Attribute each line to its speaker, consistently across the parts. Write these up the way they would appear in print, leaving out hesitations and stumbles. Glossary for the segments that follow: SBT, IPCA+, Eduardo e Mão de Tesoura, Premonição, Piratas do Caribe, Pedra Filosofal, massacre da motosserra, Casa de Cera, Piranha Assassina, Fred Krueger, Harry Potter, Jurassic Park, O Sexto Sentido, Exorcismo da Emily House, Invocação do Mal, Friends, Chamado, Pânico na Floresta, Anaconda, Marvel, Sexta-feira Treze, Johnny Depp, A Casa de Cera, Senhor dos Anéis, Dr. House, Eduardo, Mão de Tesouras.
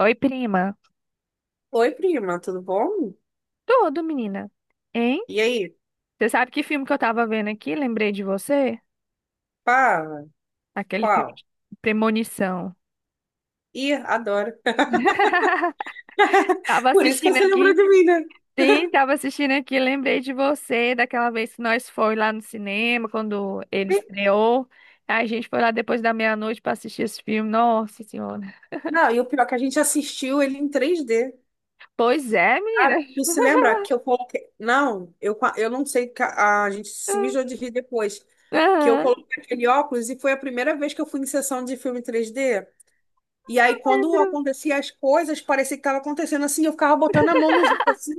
Speaker 1: Oi, prima.
Speaker 2: Oi, prima, tudo bom?
Speaker 1: Tudo, menina. Hein?
Speaker 2: E aí?
Speaker 1: Você sabe que filme que eu tava vendo aqui? Lembrei de você?
Speaker 2: Fala,
Speaker 1: Aquele filme
Speaker 2: qual?
Speaker 1: de Premonição.
Speaker 2: Ih, adoro.
Speaker 1: Tava
Speaker 2: Por isso que
Speaker 1: assistindo
Speaker 2: você lembrou
Speaker 1: aqui.
Speaker 2: de mim, né?
Speaker 1: Sim, tava assistindo aqui. Lembrei de você daquela vez que nós foi lá no cinema, quando ele estreou. A gente foi lá depois da meia-noite pra assistir esse filme. Nossa Senhora.
Speaker 2: Não, e o pior é que a gente assistiu ele em 3D.
Speaker 1: Pois é, menina.
Speaker 2: Cara, tu se lembra que eu coloquei. Não, eu, eu não sei, que a gente se mijou de rir depois. Que eu
Speaker 1: Aham,
Speaker 2: coloquei aquele óculos e foi a primeira vez que eu fui em sessão de filme 3D. E aí, quando
Speaker 1: lembro.
Speaker 2: acontecia as coisas, parecia que estava acontecendo assim, eu ficava botando a mão nos outros, assim,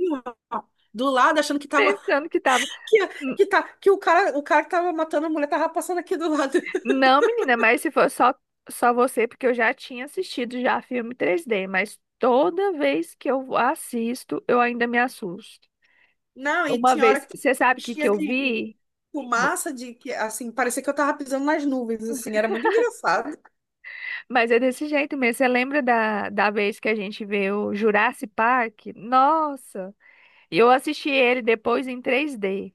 Speaker 2: ó, do lado, achando que estava.
Speaker 1: Pensando que tava.
Speaker 2: Que, que o cara, que tava matando a mulher tava passando aqui do lado.
Speaker 1: Não, menina, mas se for só você, porque eu já tinha assistido já filme 3D, mas toda vez que eu assisto, eu ainda me assusto.
Speaker 2: Não, e
Speaker 1: Uma
Speaker 2: tinha hora
Speaker 1: vez,
Speaker 2: que
Speaker 1: você sabe o que
Speaker 2: tinha
Speaker 1: eu
Speaker 2: de
Speaker 1: vi? No-
Speaker 2: fumaça, de que, assim, parecia que eu tava pisando nas nuvens, assim, era muito engraçado.
Speaker 1: Mas é desse jeito mesmo. Você lembra da vez que a gente vê o Jurassic Park? Nossa! E eu assisti ele depois em 3D.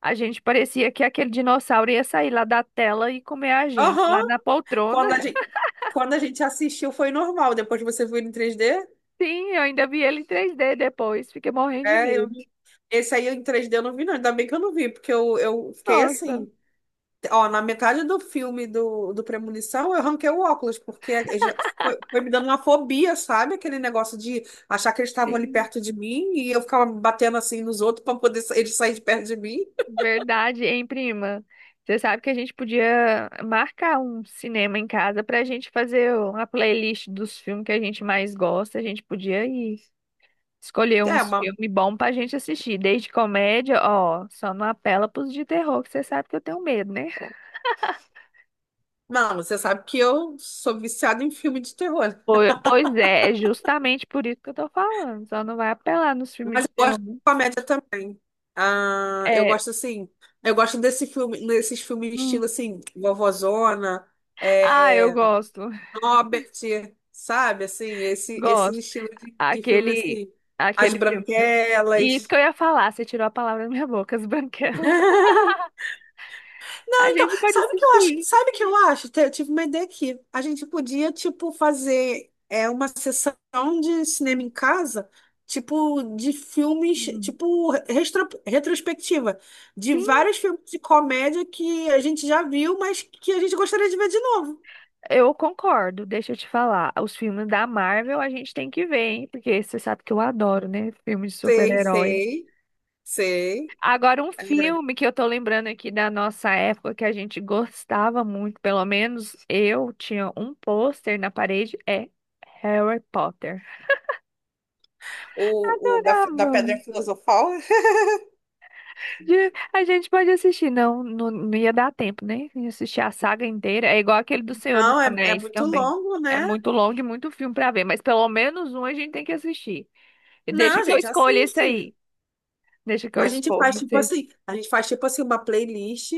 Speaker 1: A gente parecia que aquele dinossauro ia sair lá da tela e comer a gente,
Speaker 2: Aham.
Speaker 1: lá na poltrona.
Speaker 2: Quando a gente, quando a gente assistiu foi normal, depois você viu em 3D.
Speaker 1: Sim, eu ainda vi ele em 3D depois. Fiquei morrendo de
Speaker 2: É,
Speaker 1: medo.
Speaker 2: esse aí em 3D eu não vi, não. Ainda bem que eu não vi, porque eu fiquei
Speaker 1: Nossa!
Speaker 2: assim. Ó, na metade do filme do Premonição, eu arranquei o óculos, porque ele já foi me dando uma fobia, sabe? Aquele negócio de achar que eles estavam ali
Speaker 1: Sim,
Speaker 2: perto de mim e eu ficava batendo assim nos outros para poder eles saírem de perto de mim.
Speaker 1: verdade, hein, prima? Você sabe que a gente podia marcar um cinema em casa pra gente fazer uma playlist dos filmes que a gente mais gosta. A gente podia ir escolher
Speaker 2: É,
Speaker 1: uns
Speaker 2: mas,
Speaker 1: filmes bons pra gente assistir. Desde comédia, ó, só não apela pros de terror, que você sabe que eu tenho medo, né?
Speaker 2: não, você sabe que eu sou viciada em filme de terror.
Speaker 1: Pois é, é justamente por isso que eu tô falando. Só não vai apelar nos filmes
Speaker 2: Mas
Speaker 1: de
Speaker 2: eu
Speaker 1: terror,
Speaker 2: gosto de
Speaker 1: né?
Speaker 2: comédia também. Ah, eu
Speaker 1: É.
Speaker 2: gosto assim, eu gosto desse filme, desses filmes estilo
Speaker 1: Hum.
Speaker 2: assim, Vovozona,
Speaker 1: Ah, eu
Speaker 2: é,
Speaker 1: gosto.
Speaker 2: Robert, sabe? Assim, esse
Speaker 1: Gosto.
Speaker 2: estilo de filme,
Speaker 1: Aquele,
Speaker 2: assim, As
Speaker 1: aquele filme. E isso que
Speaker 2: Branquelas.
Speaker 1: eu ia falar, você tirou a palavra da minha boca, as branquelas.
Speaker 2: Não,
Speaker 1: A
Speaker 2: então,
Speaker 1: gente pode
Speaker 2: sabe o que eu acho?
Speaker 1: assistir.
Speaker 2: Sabe o que eu acho? Eu tive uma ideia aqui. A gente podia, tipo, fazer uma sessão de cinema em casa, tipo, de filmes,
Speaker 1: Uhum.
Speaker 2: tipo, retrospectiva, de
Speaker 1: Sim,
Speaker 2: vários filmes de comédia que a gente já viu, mas que a gente gostaria de ver de novo.
Speaker 1: eu concordo. Deixa eu te falar. Os filmes da Marvel a gente tem que ver, hein? Porque você sabe que eu adoro, né? Filmes de
Speaker 2: Sei,
Speaker 1: super-heróis.
Speaker 2: sei, sei.
Speaker 1: Agora, um filme que eu tô lembrando aqui da nossa época que a gente gostava muito, pelo menos eu tinha um pôster na parede, é Harry Potter.
Speaker 2: O da, da
Speaker 1: Adorava.
Speaker 2: Pedra Filosofal?
Speaker 1: A gente pode assistir, não ia dar tempo, né? De assistir a saga inteira. É igual aquele do Senhor dos
Speaker 2: Não, é
Speaker 1: Anéis
Speaker 2: muito
Speaker 1: também.
Speaker 2: longo,
Speaker 1: É
Speaker 2: né?
Speaker 1: muito longo e muito filme pra ver, mas pelo menos um a gente tem que assistir. E
Speaker 2: Não,
Speaker 1: deixa
Speaker 2: a
Speaker 1: que eu
Speaker 2: gente
Speaker 1: escolha esse
Speaker 2: assiste.
Speaker 1: aí. Deixa que eu
Speaker 2: A gente faz
Speaker 1: escolho
Speaker 2: tipo
Speaker 1: esse.
Speaker 2: assim, a gente faz tipo assim uma playlist,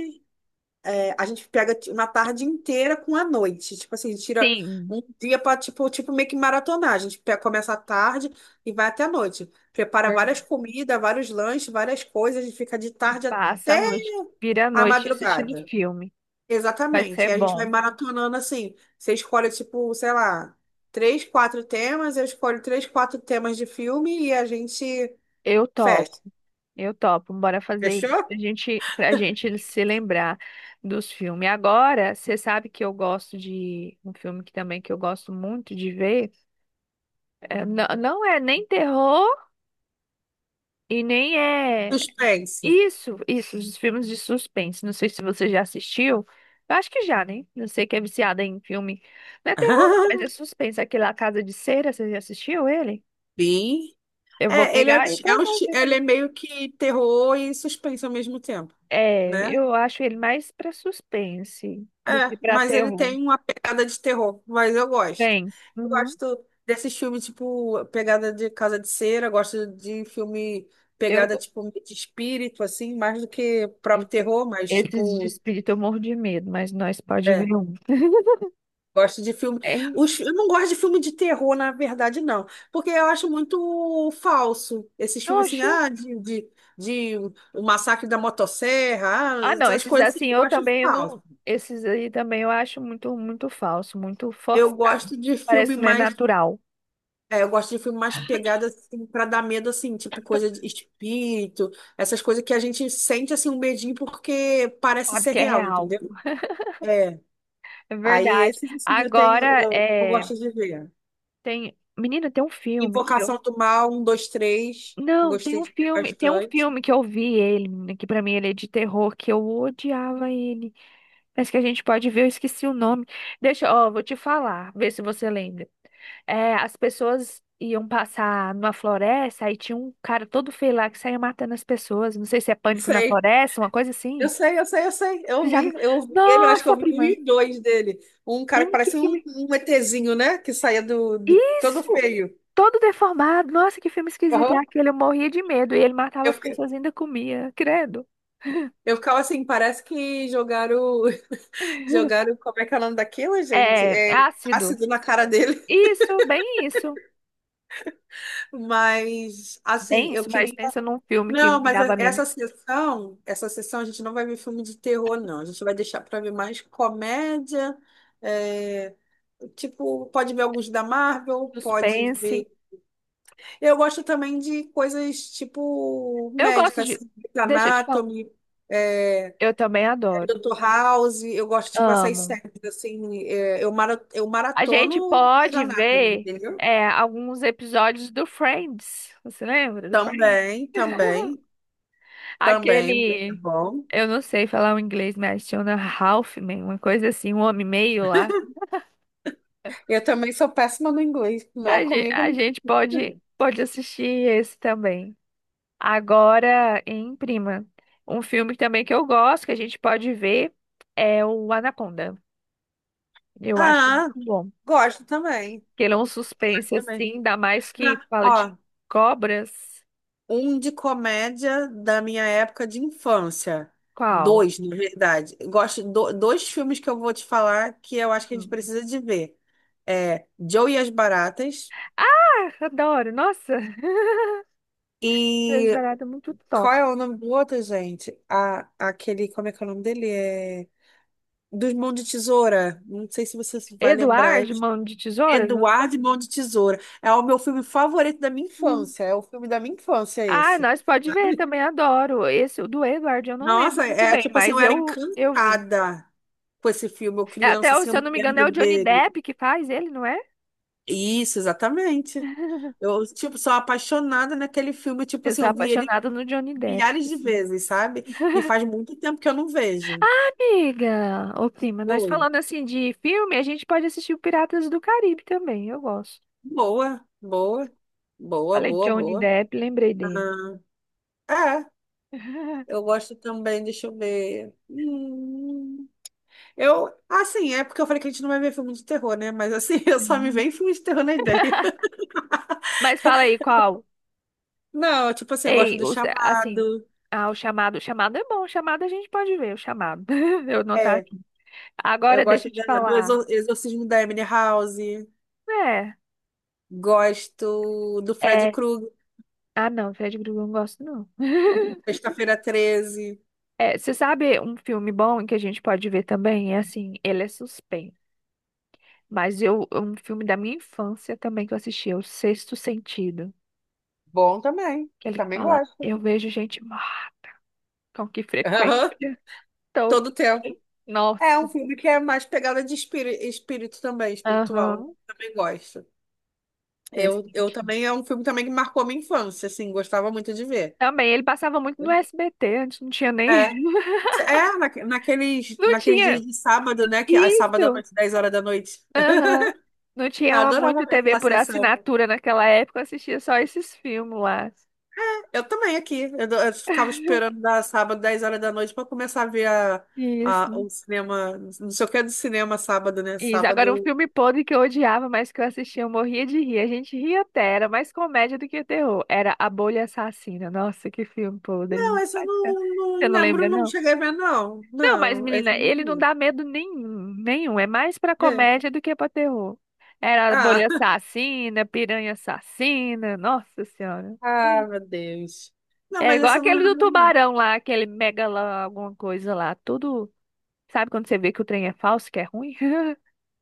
Speaker 2: é, a gente pega uma tarde inteira com a noite, tipo assim, a gente tira
Speaker 1: Sim.
Speaker 2: um dia para tipo, tipo meio que maratonar. A gente começa à tarde e vai até a noite. Prepara várias
Speaker 1: Verdade.
Speaker 2: comidas, vários lanches, várias coisas, a gente fica de
Speaker 1: E
Speaker 2: tarde
Speaker 1: passa a
Speaker 2: até
Speaker 1: noite, vira a
Speaker 2: a
Speaker 1: noite assistindo
Speaker 2: madrugada.
Speaker 1: filme. Vai
Speaker 2: Exatamente.
Speaker 1: ser
Speaker 2: E a gente vai
Speaker 1: bom.
Speaker 2: maratonando assim. Você escolhe, tipo, sei lá, três, quatro temas, eu escolho três, quatro temas de filme e a gente
Speaker 1: Eu topo.
Speaker 2: fecha.
Speaker 1: Eu topo, bora fazer isso.
Speaker 2: Fechou?
Speaker 1: Pra gente se lembrar dos filmes. Agora, você sabe que eu gosto de um filme que também que eu gosto muito de ver. É, não, não é nem terror e nem é
Speaker 2: Suspense.
Speaker 1: isso, isso, os filmes de suspense. Não sei se você já assistiu. Eu acho que já, né? Não sei que é viciada em filme. Não é terror, não, mas é suspense. Aquele A Casa de Cera, você já assistiu ele?
Speaker 2: Bem.
Speaker 1: Eu vou
Speaker 2: É, ele é,
Speaker 1: pegar e pra
Speaker 2: é um,
Speaker 1: nós ver
Speaker 2: ele
Speaker 1: também.
Speaker 2: é meio que terror e suspense ao mesmo tempo,
Speaker 1: É,
Speaker 2: né?
Speaker 1: eu acho ele mais pra suspense do que
Speaker 2: É,
Speaker 1: pra
Speaker 2: mas ele
Speaker 1: terror.
Speaker 2: tem uma pegada de terror, mas eu gosto.
Speaker 1: Tem.
Speaker 2: Eu
Speaker 1: Uhum.
Speaker 2: gosto desses filmes, tipo, pegada de Casa de Cera, gosto de filme
Speaker 1: Eu,
Speaker 2: pegada, tipo, de espírito, assim, mais do que
Speaker 1: e-
Speaker 2: próprio terror, mas,
Speaker 1: Esses de
Speaker 2: tipo,
Speaker 1: espírito eu morro de medo, mas nós pode
Speaker 2: é,
Speaker 1: ver um.
Speaker 2: gosto de filme.
Speaker 1: Hein?
Speaker 2: Eu não gosto de filme de terror, na verdade, não, porque eu acho muito falso. Esses filmes, assim,
Speaker 1: Oxi.
Speaker 2: ah, de o massacre da motosserra,
Speaker 1: Ah,
Speaker 2: ah,
Speaker 1: não,
Speaker 2: essas
Speaker 1: esses
Speaker 2: coisas, assim,
Speaker 1: assim
Speaker 2: eu
Speaker 1: eu
Speaker 2: gosto de
Speaker 1: também eu
Speaker 2: falso.
Speaker 1: não. Esses aí também eu acho muito falso, muito
Speaker 2: Eu
Speaker 1: forçado.
Speaker 2: gosto de
Speaker 1: Parece
Speaker 2: filme
Speaker 1: que não é
Speaker 2: mais.
Speaker 1: natural.
Speaker 2: É, eu gosto de filme mais pegada, assim, pra dar medo, assim, tipo coisa de espírito, essas coisas que a gente sente, assim, um medinho porque parece
Speaker 1: Sabe
Speaker 2: ser
Speaker 1: que é
Speaker 2: real,
Speaker 1: real.
Speaker 2: entendeu? É.
Speaker 1: É
Speaker 2: Aí
Speaker 1: verdade.
Speaker 2: esses, assim, eu tenho,
Speaker 1: Agora,
Speaker 2: eu
Speaker 1: é,
Speaker 2: gosto de ver.
Speaker 1: tem. Menina, tem um filme que
Speaker 2: Invocação do Mal, um, dois, três.
Speaker 1: Não, tem
Speaker 2: Gostei
Speaker 1: um
Speaker 2: de ver
Speaker 1: filme, tem um
Speaker 2: bastante.
Speaker 1: filme que eu vi ele, menina, que pra mim ele é de terror, que eu odiava ele. Mas que a gente pode ver, eu esqueci o nome. Deixa, ó, vou te falar, ver se você lembra. É, as pessoas iam passar numa floresta, aí tinha um cara todo feio lá que saía matando as pessoas. Não sei se é Pânico na
Speaker 2: Sei.
Speaker 1: Floresta, uma coisa
Speaker 2: Eu
Speaker 1: assim.
Speaker 2: sei, eu sei, eu sei.
Speaker 1: Você
Speaker 2: Eu
Speaker 1: já
Speaker 2: vi,
Speaker 1: viu?
Speaker 2: eu vi ele, eu acho que eu
Speaker 1: Nossa,
Speaker 2: vi mil
Speaker 1: prima,
Speaker 2: e dois dele. Um cara que
Speaker 1: tem que
Speaker 2: parece um,
Speaker 1: filme.
Speaker 2: ETzinho, né? Que saía todo
Speaker 1: Isso!
Speaker 2: feio.
Speaker 1: Todo deformado. Nossa, que filme esquisito é
Speaker 2: Aham.
Speaker 1: aquele. Eu morria de medo e ele matava
Speaker 2: Eu,
Speaker 1: as
Speaker 2: fiquei-
Speaker 1: pessoas e ainda comia, credo.
Speaker 2: eu ficava assim, parece que jogaram. Jogaram, como é que é o nome daquilo, gente?
Speaker 1: É, é
Speaker 2: É
Speaker 1: ácido.
Speaker 2: ácido na cara dele.
Speaker 1: Isso, bem isso.
Speaker 2: Mas, assim,
Speaker 1: Bem
Speaker 2: eu
Speaker 1: isso, mas
Speaker 2: queria.
Speaker 1: pensa num filme que
Speaker 2: Não,
Speaker 1: me
Speaker 2: mas
Speaker 1: dava menos
Speaker 2: essa sessão a gente não vai ver filme de terror, não. A gente vai deixar para ver mais comédia. é, Tipo, pode ver alguns da Marvel, pode
Speaker 1: suspense.
Speaker 2: ver. Eu gosto também de coisas tipo
Speaker 1: Eu gosto
Speaker 2: médicas,
Speaker 1: de.
Speaker 2: assim, Grey's
Speaker 1: Deixa eu te falar.
Speaker 2: Anatomy, é,
Speaker 1: Eu também adoro.
Speaker 2: Dr. House. Eu gosto, tipo, essas
Speaker 1: Amo.
Speaker 2: séries, assim, eu
Speaker 1: A gente
Speaker 2: maratono Grey's
Speaker 1: pode
Speaker 2: Anatomy,
Speaker 1: ver,
Speaker 2: entendeu?
Speaker 1: é, alguns episódios do Friends. Você lembra do Friends?
Speaker 2: Também, também, também, bem
Speaker 1: Aquele.
Speaker 2: bom.
Speaker 1: Eu não sei falar o inglês, mas tinha um Halfman, uma coisa assim, um homem meio lá.
Speaker 2: Eu também sou péssima no inglês, não é
Speaker 1: A gente,
Speaker 2: comigo?
Speaker 1: a
Speaker 2: Não.
Speaker 1: gente pode, pode assistir esse também. Agora, em prima, um filme também que eu gosto, que a gente pode ver, é o Anaconda. Eu acho muito
Speaker 2: Ah,
Speaker 1: bom.
Speaker 2: gosto também,
Speaker 1: Que ele é um suspense,
Speaker 2: também.
Speaker 1: assim, ainda mais
Speaker 2: Não,
Speaker 1: que fala de
Speaker 2: ó,
Speaker 1: cobras.
Speaker 2: um de comédia da minha época de infância.
Speaker 1: Qual?
Speaker 2: Dois, na verdade. Eu gosto dois filmes que eu vou te falar que eu acho que a gente
Speaker 1: Hum.
Speaker 2: precisa de ver. É Joe e as Baratas
Speaker 1: Ah, adoro. Nossa, coisa
Speaker 2: e
Speaker 1: barata, muito top.
Speaker 2: qual é o nome do outro, gente? Aquele, como é que é o nome dele? É dos Mãos de Tesoura. Não sei se você vai lembrar.
Speaker 1: Eduardo, Mão de Tesouras?
Speaker 2: Eduardo e Mão de Tesoura. É o meu filme favorito da minha
Speaker 1: Hum.
Speaker 2: infância. É o filme da minha infância
Speaker 1: Ah,
Speaker 2: esse.
Speaker 1: nós pode ver,
Speaker 2: Sabe?
Speaker 1: também adoro. Esse, o do Eduardo, eu não lembro
Speaker 2: Nossa,
Speaker 1: muito bem,
Speaker 2: tipo assim, eu
Speaker 1: mas
Speaker 2: era
Speaker 1: eu vi.
Speaker 2: encantada com esse filme. Eu
Speaker 1: É,
Speaker 2: criança,
Speaker 1: até,
Speaker 2: assim,
Speaker 1: se
Speaker 2: eu
Speaker 1: eu
Speaker 2: me
Speaker 1: não me engano, é o
Speaker 2: lembro
Speaker 1: Johnny
Speaker 2: dele.
Speaker 1: Depp que faz ele, não é?
Speaker 2: Isso, exatamente. Eu, tipo, sou apaixonada naquele filme. Tipo
Speaker 1: Eu
Speaker 2: assim,
Speaker 1: sou
Speaker 2: eu vi ele
Speaker 1: apaixonada no Johnny Depp,
Speaker 2: milhares de
Speaker 1: assim.
Speaker 2: vezes, sabe? E faz muito tempo que eu não vejo.
Speaker 1: Amiga, ô prima, nós
Speaker 2: Oi.
Speaker 1: falando assim de filme, a gente pode assistir o Piratas do Caribe também, eu gosto.
Speaker 2: Boa, boa, boa,
Speaker 1: Falei de
Speaker 2: boa,
Speaker 1: Johnny
Speaker 2: boa.
Speaker 1: Depp, lembrei dele.
Speaker 2: Aham. É, eu gosto também, deixa eu ver. Hum. Eu, assim, é porque eu falei que a gente não vai ver filme de terror, né? Mas assim, eu só me
Speaker 1: Uhum.
Speaker 2: vem filme de terror na ideia.
Speaker 1: Mas fala aí qual?
Speaker 2: Não, tipo assim, eu gosto do
Speaker 1: Assim,
Speaker 2: Chamado.
Speaker 1: ah, o chamado é bom, o chamado a gente pode ver, o chamado. Eu não tá
Speaker 2: É,
Speaker 1: aqui.
Speaker 2: eu
Speaker 1: Agora deixa
Speaker 2: gosto
Speaker 1: eu te
Speaker 2: do
Speaker 1: falar.
Speaker 2: Exorcismo da Emily House.
Speaker 1: É,
Speaker 2: Gosto do Fred
Speaker 1: é.
Speaker 2: Krueger,
Speaker 1: Ah, não, Fred Krueger eu não gosto, não.
Speaker 2: Sexta-feira Treze.
Speaker 1: É, você sabe um filme bom que a gente pode ver também? É assim, ele é suspense. Mas eu, é um filme da minha infância também que eu assisti, é O Sexto Sentido.
Speaker 2: Bom também.
Speaker 1: Que ele
Speaker 2: Também
Speaker 1: fala,
Speaker 2: gosto.
Speaker 1: eu vejo gente morta com que
Speaker 2: Aham.
Speaker 1: frequência
Speaker 2: Todo
Speaker 1: todo
Speaker 2: tempo.
Speaker 1: dia.
Speaker 2: É um
Speaker 1: Nossa.
Speaker 2: filme que é mais pegada de espírito, espírito também, espiritual.
Speaker 1: Aham.
Speaker 2: Também gosto.
Speaker 1: Sexto
Speaker 2: Eu
Speaker 1: Sentido.
Speaker 2: também, é um filme também que marcou minha infância, assim, gostava muito de ver.
Speaker 1: Também, ele passava muito no SBT, antes não tinha nem.
Speaker 2: é É,
Speaker 1: Não
Speaker 2: naqueles dias
Speaker 1: tinha.
Speaker 2: de sábado, né? Que a sábado à
Speaker 1: Isso!
Speaker 2: noite, 10 horas da noite.
Speaker 1: Aham. Não
Speaker 2: Eu
Speaker 1: tinha
Speaker 2: adorava
Speaker 1: muito
Speaker 2: ver
Speaker 1: TV
Speaker 2: aquela
Speaker 1: por
Speaker 2: sessão.
Speaker 1: assinatura naquela época, eu assistia só esses filmes lá.
Speaker 2: Eu também aqui. Eu ficava esperando da sábado, 10 horas da noite, para começar a ver a,
Speaker 1: Isso.
Speaker 2: o cinema. Não sei o que é do cinema sábado, né?
Speaker 1: Isso. Agora, um
Speaker 2: Sábado.
Speaker 1: filme podre que eu odiava, mas que eu assistia, eu morria de rir. A gente ria até, era mais comédia do que terror. Era A Bolha Assassina. Nossa, que filme podre.
Speaker 2: Não, esse eu
Speaker 1: Você
Speaker 2: não
Speaker 1: não lembra,
Speaker 2: lembro, não
Speaker 1: não?
Speaker 2: cheguei a ver, não.
Speaker 1: Não, mas,
Speaker 2: Não, esse
Speaker 1: menina,
Speaker 2: eu
Speaker 1: ele não
Speaker 2: não
Speaker 1: dá medo nenhum, nenhum. É mais pra
Speaker 2: vi. É.
Speaker 1: comédia do que pra terror. Era A
Speaker 2: Ah,
Speaker 1: Bolha Assassina, Piranha Assassina. Nossa Senhora.
Speaker 2: ah, meu Deus. Não,
Speaker 1: É
Speaker 2: mas
Speaker 1: igual
Speaker 2: esse eu não
Speaker 1: aquele do
Speaker 2: lembro, não.
Speaker 1: tubarão lá, aquele mega lá, alguma coisa lá. Tudo. Sabe quando você vê que o trem é falso, que é ruim?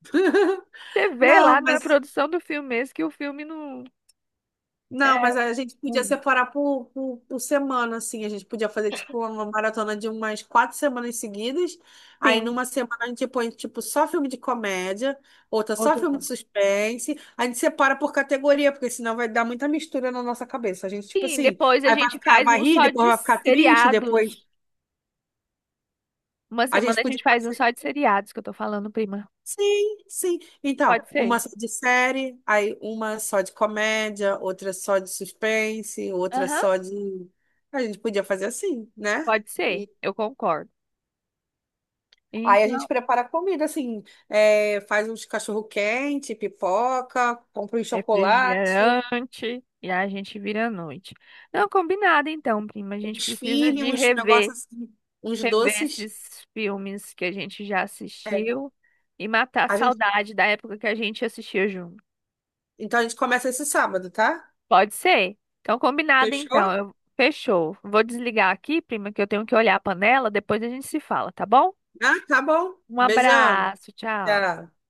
Speaker 1: Você vê
Speaker 2: Não,
Speaker 1: lá na
Speaker 2: mas.
Speaker 1: produção do filme mesmo que o filme não
Speaker 2: Não,
Speaker 1: é
Speaker 2: mas a gente podia
Speaker 1: ruim.
Speaker 2: separar por semana, assim. A gente podia fazer, tipo, uma maratona de umas 4 semanas seguidas. Aí,
Speaker 1: Sim.
Speaker 2: numa semana, a gente põe, tipo, só filme de comédia, outra só
Speaker 1: Outro
Speaker 2: filme
Speaker 1: não.
Speaker 2: de suspense. A gente separa por categoria, porque senão vai dar muita mistura na nossa cabeça. A gente, tipo
Speaker 1: Sim,
Speaker 2: assim,
Speaker 1: depois a
Speaker 2: aí vai
Speaker 1: gente
Speaker 2: ficar,
Speaker 1: faz
Speaker 2: vai
Speaker 1: um
Speaker 2: rir,
Speaker 1: só
Speaker 2: depois
Speaker 1: de
Speaker 2: vai ficar triste,
Speaker 1: seriados.
Speaker 2: depois
Speaker 1: Uma
Speaker 2: a gente
Speaker 1: semana a
Speaker 2: podia
Speaker 1: gente faz um
Speaker 2: fazer.
Speaker 1: só de seriados que eu tô falando, prima.
Speaker 2: Sim, sim. Então,
Speaker 1: Pode
Speaker 2: uma
Speaker 1: ser?
Speaker 2: só de série, aí uma só de comédia, outra só de suspense, outra
Speaker 1: Aham,
Speaker 2: só de. A gente podia fazer assim, né?
Speaker 1: pode ser.
Speaker 2: E
Speaker 1: Eu concordo.
Speaker 2: aí a
Speaker 1: Então,
Speaker 2: gente prepara a comida, assim, é, faz uns cachorro-quente, pipoca, compra um chocolate,
Speaker 1: refrigerante e a gente vira à noite. Não, combinado então, prima. A gente
Speaker 2: uns
Speaker 1: precisa
Speaker 2: filhos,
Speaker 1: de
Speaker 2: uns
Speaker 1: rever,
Speaker 2: negócios assim, uns
Speaker 1: rever
Speaker 2: doces.
Speaker 1: esses filmes que a gente já
Speaker 2: É.
Speaker 1: assistiu e matar a
Speaker 2: A gente...
Speaker 1: saudade da época que a gente assistia junto.
Speaker 2: Então a gente começa esse sábado, tá?
Speaker 1: Pode ser. Então, combinado então.
Speaker 2: Fechou?
Speaker 1: Fechou. Vou desligar aqui, prima, que eu tenho que olhar a panela. Depois a gente se fala, tá bom?
Speaker 2: Ah, tá bom.
Speaker 1: Um
Speaker 2: Beijão.
Speaker 1: abraço, tchau.
Speaker 2: Tchau.